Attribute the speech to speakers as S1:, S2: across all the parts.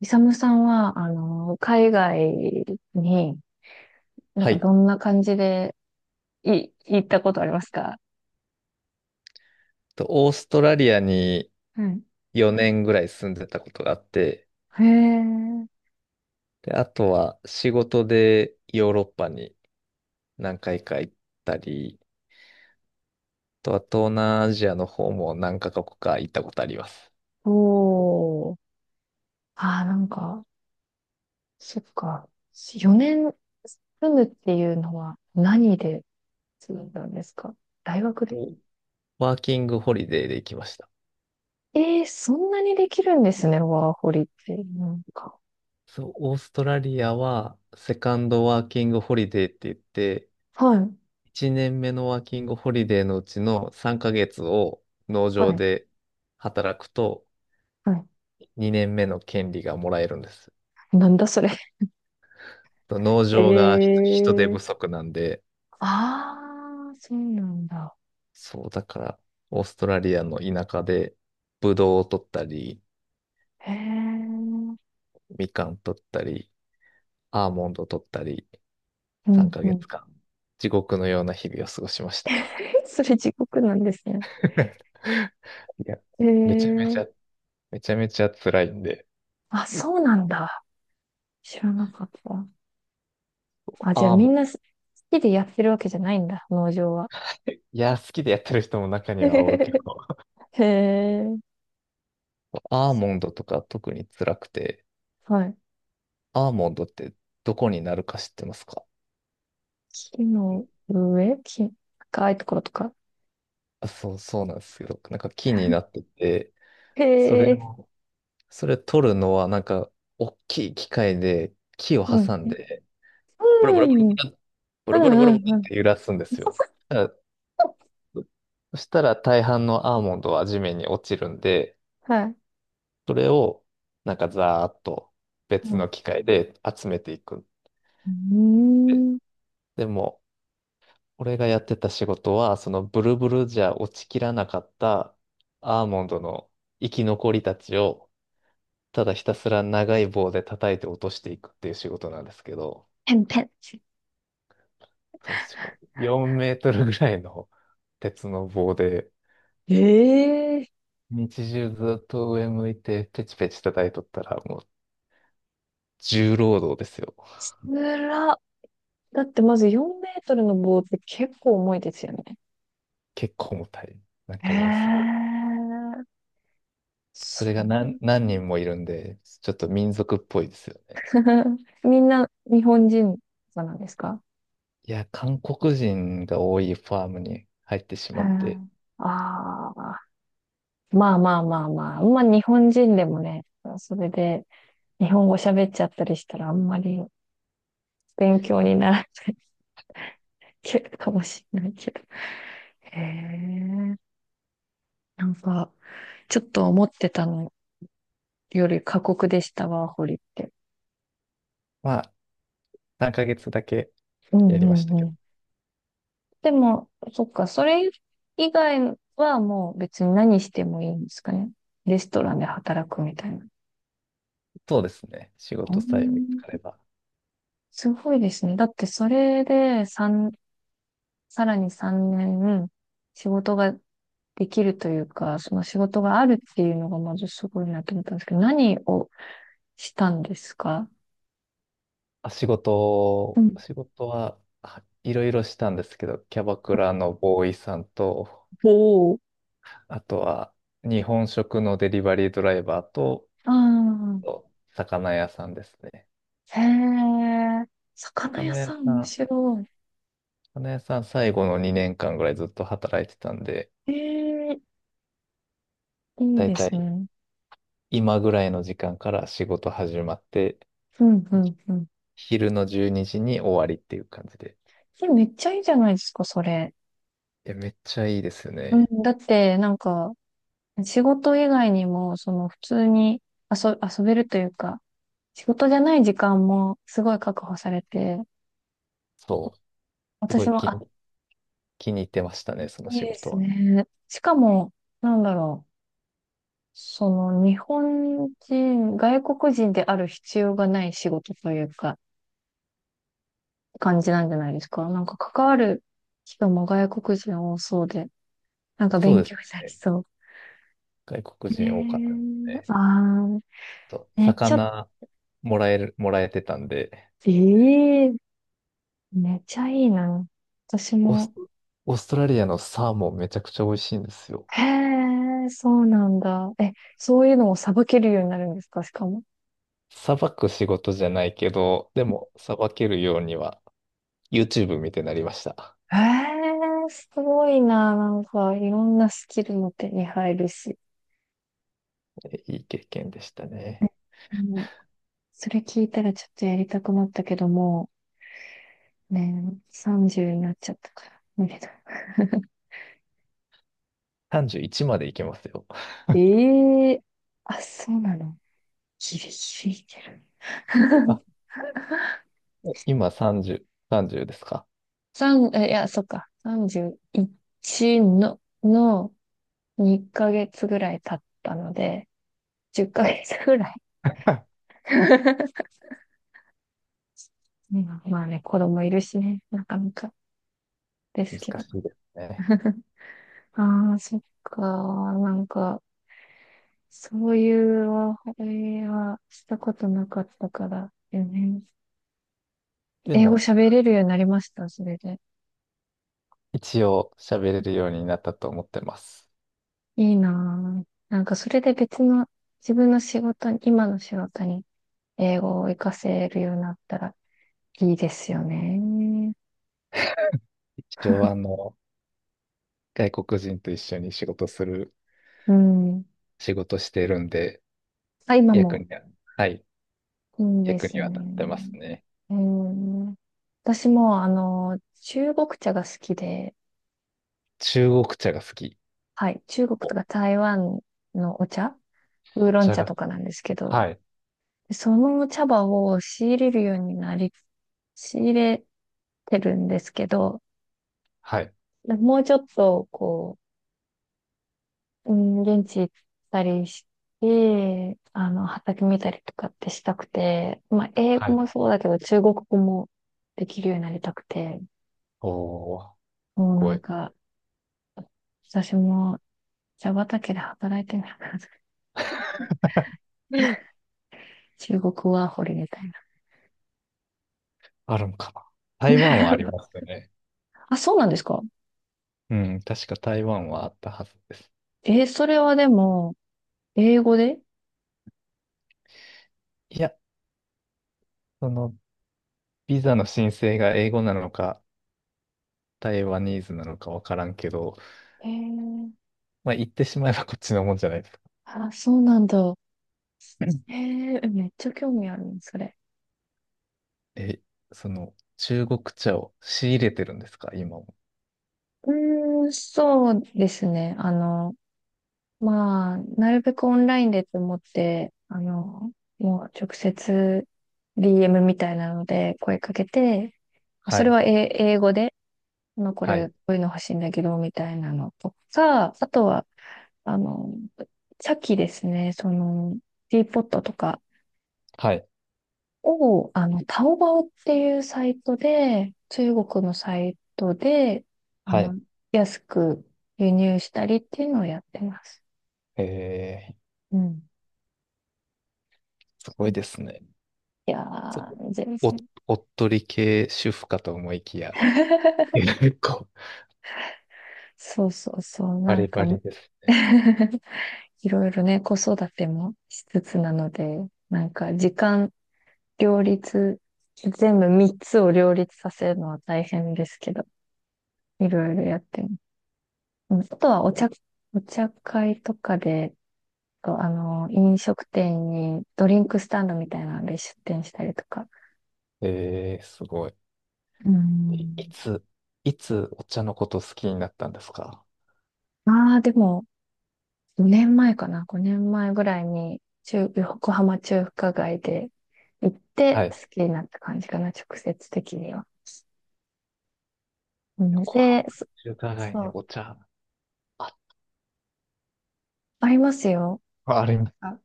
S1: イサムさんは、海外に、
S2: はい。
S1: どんな感じで、行ったことありますか？
S2: オーストラリアに
S1: はい。
S2: 4年ぐらい住んでたことがあって、
S1: へえ。
S2: で、あとは仕事でヨーロッパに何回か行ったり、あとは東南アジアの方も何カ国か行ったことあります。
S1: おー。ああ、そっか。4年住むっていうのは何で住んだんですか？大学で？
S2: と、ワーキングホリデーで行きました。
S1: ええー、そんなにできるんですね、ワーホリって。
S2: そう、オーストラリアはセカンドワーキングホリデーって言って、
S1: はい。
S2: 1年目のワーキングホリデーのうちの3ヶ月を農場
S1: はい。
S2: で働くと
S1: はい。
S2: 2年目の権利がもらえるんです。
S1: なんだそれ。
S2: 農
S1: え
S2: 場が人手
S1: え
S2: 不
S1: ー。
S2: 足なんで、
S1: ああ、そうなんだ。
S2: そう、だから、オーストラリアの田舎で、ブドウを取ったり、
S1: へえ。
S2: みかん取ったり、アーモンドを取ったり、
S1: う
S2: 3
S1: んう
S2: ヶ
S1: ん。
S2: 月間、地獄のような日々を過ごしました。
S1: え、それ地獄なんですね。
S2: いや、
S1: え
S2: めちゃめち
S1: ー、
S2: ゃ、めちゃめちゃ辛いんで、
S1: あ、そうなんだ。知らなかった。あ、じゃあ
S2: アー
S1: み
S2: モン
S1: ん
S2: ド、
S1: な好きでやってるわけじゃないんだ、農場は。
S2: いや、好きでやってる人も中にはおるけど、
S1: へえ。
S2: アーモンドとか特に辛くて、
S1: はい。
S2: アーモンドってどこになるか知ってますか？
S1: 木の上、木、高いところとか。
S2: あ、そう、そうなんですけど、なんか木になってて、
S1: へ
S2: それ
S1: え。
S2: を、それ取るのは、なんか、大きい機械で木を
S1: うん。
S2: 挟ん
S1: うん、
S2: で、ブルブ
S1: う
S2: ルブル
S1: ん、
S2: ブル、ブルブルブル
S1: う
S2: ブ
S1: ん、う
S2: ルっ
S1: ん。
S2: て揺らすんですよ。だからそしたら大半のアーモンドは地面に落ちるんで、
S1: はい。
S2: それを、なんかざーっと
S1: う
S2: 別の
S1: ん。
S2: 機械で集めていくん
S1: う
S2: で。
S1: ーん。
S2: でも、俺がやってた仕事は、そのブルブルじゃ落ちきらなかったアーモンドの生き残りたちを、ただひたすら長い棒で叩いて落としていくっていう仕事なんですけど、
S1: ペンペン。
S2: そう、しかも4メートルぐらいの鉄の棒で、
S1: ええ
S2: 日中ずっと上向いてペチペチ叩いとったらもう重労働ですよ。
S1: ー、つら。だってまず4メートルの棒って結構重いですよね。
S2: 結構重たい。なん
S1: へ
S2: かもうすごい。
S1: え。
S2: そ
S1: そ
S2: れが
S1: う。
S2: 何人もいるんで、ちょっと民族っぽいですよね。
S1: みんな日本人なんですか？
S2: いや、韓国人が多いファームに入ってし
S1: へ
S2: ま
S1: え。
S2: って、
S1: ああ。まあまあまあまあ。まあ日本人でもね、それで日本語喋っちゃったりしたらあんまり勉強にならないかもしれないけど。へえ。なんか、ちょっと思ってたのより過酷でしたわ、ホリって。
S2: まあ、3ヶ月だけ
S1: う
S2: やり
S1: ん。
S2: ました
S1: う
S2: けど。
S1: ん。でも、そっか、それ以外はもう別に何してもいいんですかね。レストランで働くみたいな。
S2: そうですね。仕
S1: う
S2: 事さえ見つ
S1: ん、
S2: かれば。
S1: すごいですね。だってそれで三さらに3年仕事ができるというか、その仕事があるっていうのがまずすごいなと思ったんですけど、何をしたんですか？
S2: あ、
S1: うん。
S2: 仕事は、いろいろしたんですけど、キャバクラのボーイさんと、
S1: おお。
S2: あとは日本食のデリバリードライバーと、
S1: ああ。
S2: 魚屋さんですね。
S1: へえ、魚
S2: 魚
S1: 屋
S2: 屋
S1: さん
S2: さ
S1: 面
S2: ん、
S1: 白
S2: 魚屋さん最後の2年間ぐらいずっと働いてたんで、
S1: い。へえ、いい
S2: だい
S1: で
S2: た
S1: す
S2: い
S1: ね。
S2: 今ぐらいの時間から仕事始まって、
S1: うん、うん、うん。
S2: 昼の12時に終わりっていう感じで。
S1: それめっちゃいいじゃないですか、それ。
S2: いや、めっちゃいいですよ
S1: う
S2: ね。
S1: ん、だって、なんか、仕事以外にも、その、普通に遊べるというか、仕事じゃない時間もすごい確保されて、
S2: そう。すご
S1: 私
S2: い
S1: も、あ、
S2: 気に入ってましたね、その
S1: いい
S2: 仕
S1: で
S2: 事
S1: す
S2: は。
S1: ね。しかも、なんだろう、その、日本人、外国人である必要がない仕事というか、感じなんじゃないですか。なんか、関わる人も外国人多そうで、なんか
S2: そう
S1: 勉
S2: です
S1: 強になり
S2: ね。
S1: そ
S2: 外国
S1: う。
S2: 人多かったです
S1: ねえ。
S2: ね。
S1: ああ。ね、ちょっ。
S2: 魚もらえてたんで、
S1: ええ。めっちゃいいな。私
S2: オース
S1: も。
S2: ト、オーストラリアのサーモンめちゃくちゃ美味しいんですよ。
S1: へえ、そうなんだ。え、そういうのもさばけるようになるんですかしかも。
S2: さばく仕事じゃないけど、でもさばけるようには YouTube 見てなりました。
S1: へえ、すごいな。なんか、いろんなスキルも手に入るし。
S2: いい経験でしたね。
S1: ね。それ聞いたらちょっとやりたくなったけども、ね、30になっちゃったから、無理だ。
S2: 31までいけますよ。
S1: ええ。あ、そうなの。ギリギリいける。
S2: あ、今30ですか？
S1: いや、そっか。31の、の、2ヶ月ぐらい経ったので、10ヶ月ぐらい。ね、まあね、子供いるしね、なかなかです
S2: 難
S1: けど。
S2: しいですね。
S1: ああ、そっか。なんか、そういうお話題はしたことなかったからよね。
S2: で
S1: 英語
S2: も、
S1: 喋れるようになりました、それで。
S2: 一応喋れるようになったと思ってます。
S1: いいな。なんか、それで別の自分の仕事に、今の仕事に英語を活かせるようになったらいいですよね。
S2: 一応外国人と一緒に
S1: うん。
S2: 仕事してるんで、
S1: あ、今
S2: 役
S1: も
S2: には、はい、
S1: いいんで
S2: 役
S1: す
S2: には立ってます
S1: ね。
S2: ね。
S1: えー、私も、中国茶が好きで、
S2: 中国茶が好き。
S1: はい、中国と
S2: お、
S1: か台湾のお茶、ウー
S2: お
S1: ロン
S2: 茶
S1: 茶
S2: が、
S1: とかなんですけど、
S2: はい、
S1: その茶葉を仕入れるようになり、仕入れてるんですけど、
S2: はい、
S1: もうちょっと、こう、うん、現地行ったりして、畑見たりとかってしたくて、まあ、英
S2: は
S1: 語
S2: い。
S1: もそうだけど、中国語もできるようになりたくて、
S2: おー、す
S1: もうな
S2: ご
S1: ん
S2: い。
S1: か、私も茶畑で働いてみたいな。
S2: うん、
S1: 中国ワーホリみたいな。
S2: あるのかな。台湾はありますよね。
S1: あ、そうなんですか？
S2: うん、確か台湾はあったはずです。
S1: えー、それはでも、英語で？
S2: いや、その、ビザの申請が英語なのか、台湾ニーズなのかわからんけど、
S1: えー、
S2: まあ、言ってしまえばこっちのもんじゃないですか。
S1: あ、そうなんだ。えー、めっちゃ興味あるの、それ。
S2: え、その、中国茶を仕入れてるんですか、今も？
S1: うーん、そうですね。まあ、なるべくオンラインでと思って、もう直接 DM みたいなので声かけて、
S2: は
S1: それ
S2: い、
S1: は英語で、まあ、こ
S2: は
S1: れ、
S2: い、
S1: こういうの欲しいんだけど、みたいなのとか、あとは、あの、さっきですね、その、ティーポットとか
S2: はい、
S1: を、タオバオっていうサイトで、中国のサイトで、あ
S2: はい。
S1: の、安く輸入したりっていうのをやってます。
S2: え
S1: うん。
S2: ー、すごいですね。
S1: いや
S2: そ、
S1: ー、全
S2: お、
S1: 然。
S2: おっとり系主婦かと思いきや、結構、
S1: そうそうそう、
S2: バ
S1: なん
S2: リ
S1: か。
S2: バリです。
S1: いろいろね、子育てもしつつなので、なんか時間両立、全部3つを両立させるのは大変ですけど、いろいろやってます。うん、あとはお茶、お茶会とかで、あの、飲食店にドリンクスタンドみたいなので出店したりとか。
S2: えー、すごい。
S1: う
S2: いい
S1: ん。
S2: つ、いつお茶のこと好きになったんですか？
S1: ああ、でも、5年前かな、5年前ぐらいに、横浜中華街で行っ
S2: は
S1: て好
S2: い。
S1: きになった感じかな、直接的には。うん
S2: 横浜
S1: で、
S2: 中華街に
S1: そう、
S2: お茶、あ、
S1: ありますよ。
S2: あります。
S1: あ、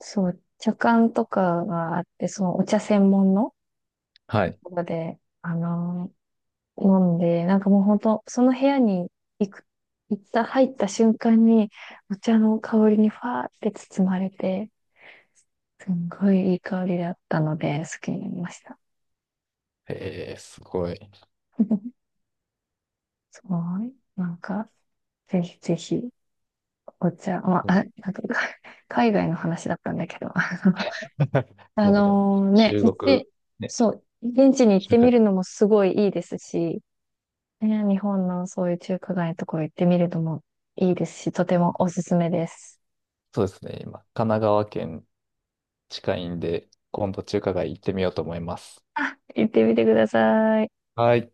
S1: そう、茶館とかがあって、そのお茶専門の
S2: は
S1: と
S2: い。
S1: ころで、あの、なんで、なんかもう本当、その部屋に行く、行った、入った瞬間に、お茶の香りにファーって包まれて、すんごいいい香りだったので、好きになりました。
S2: えー、すごい。
S1: すごい。なんか、ぜひぜひ、お茶、ま
S2: う
S1: あ、あ
S2: ん
S1: なんか、か海外の話だったんだけど、
S2: い
S1: あ
S2: や、でも、
S1: のね、
S2: 中
S1: 行っ
S2: 国、
S1: て、
S2: ね、
S1: そう、現地に行っ
S2: 中
S1: て
S2: 華、
S1: みるのもすごいいいですし、ね、日本のそういう中華街のところ行ってみるのもいいですし、とてもおすすめです。
S2: そうですね。今、神奈川県近いんで、今度中華街行ってみようと思います。
S1: 行ってみてください。
S2: はい。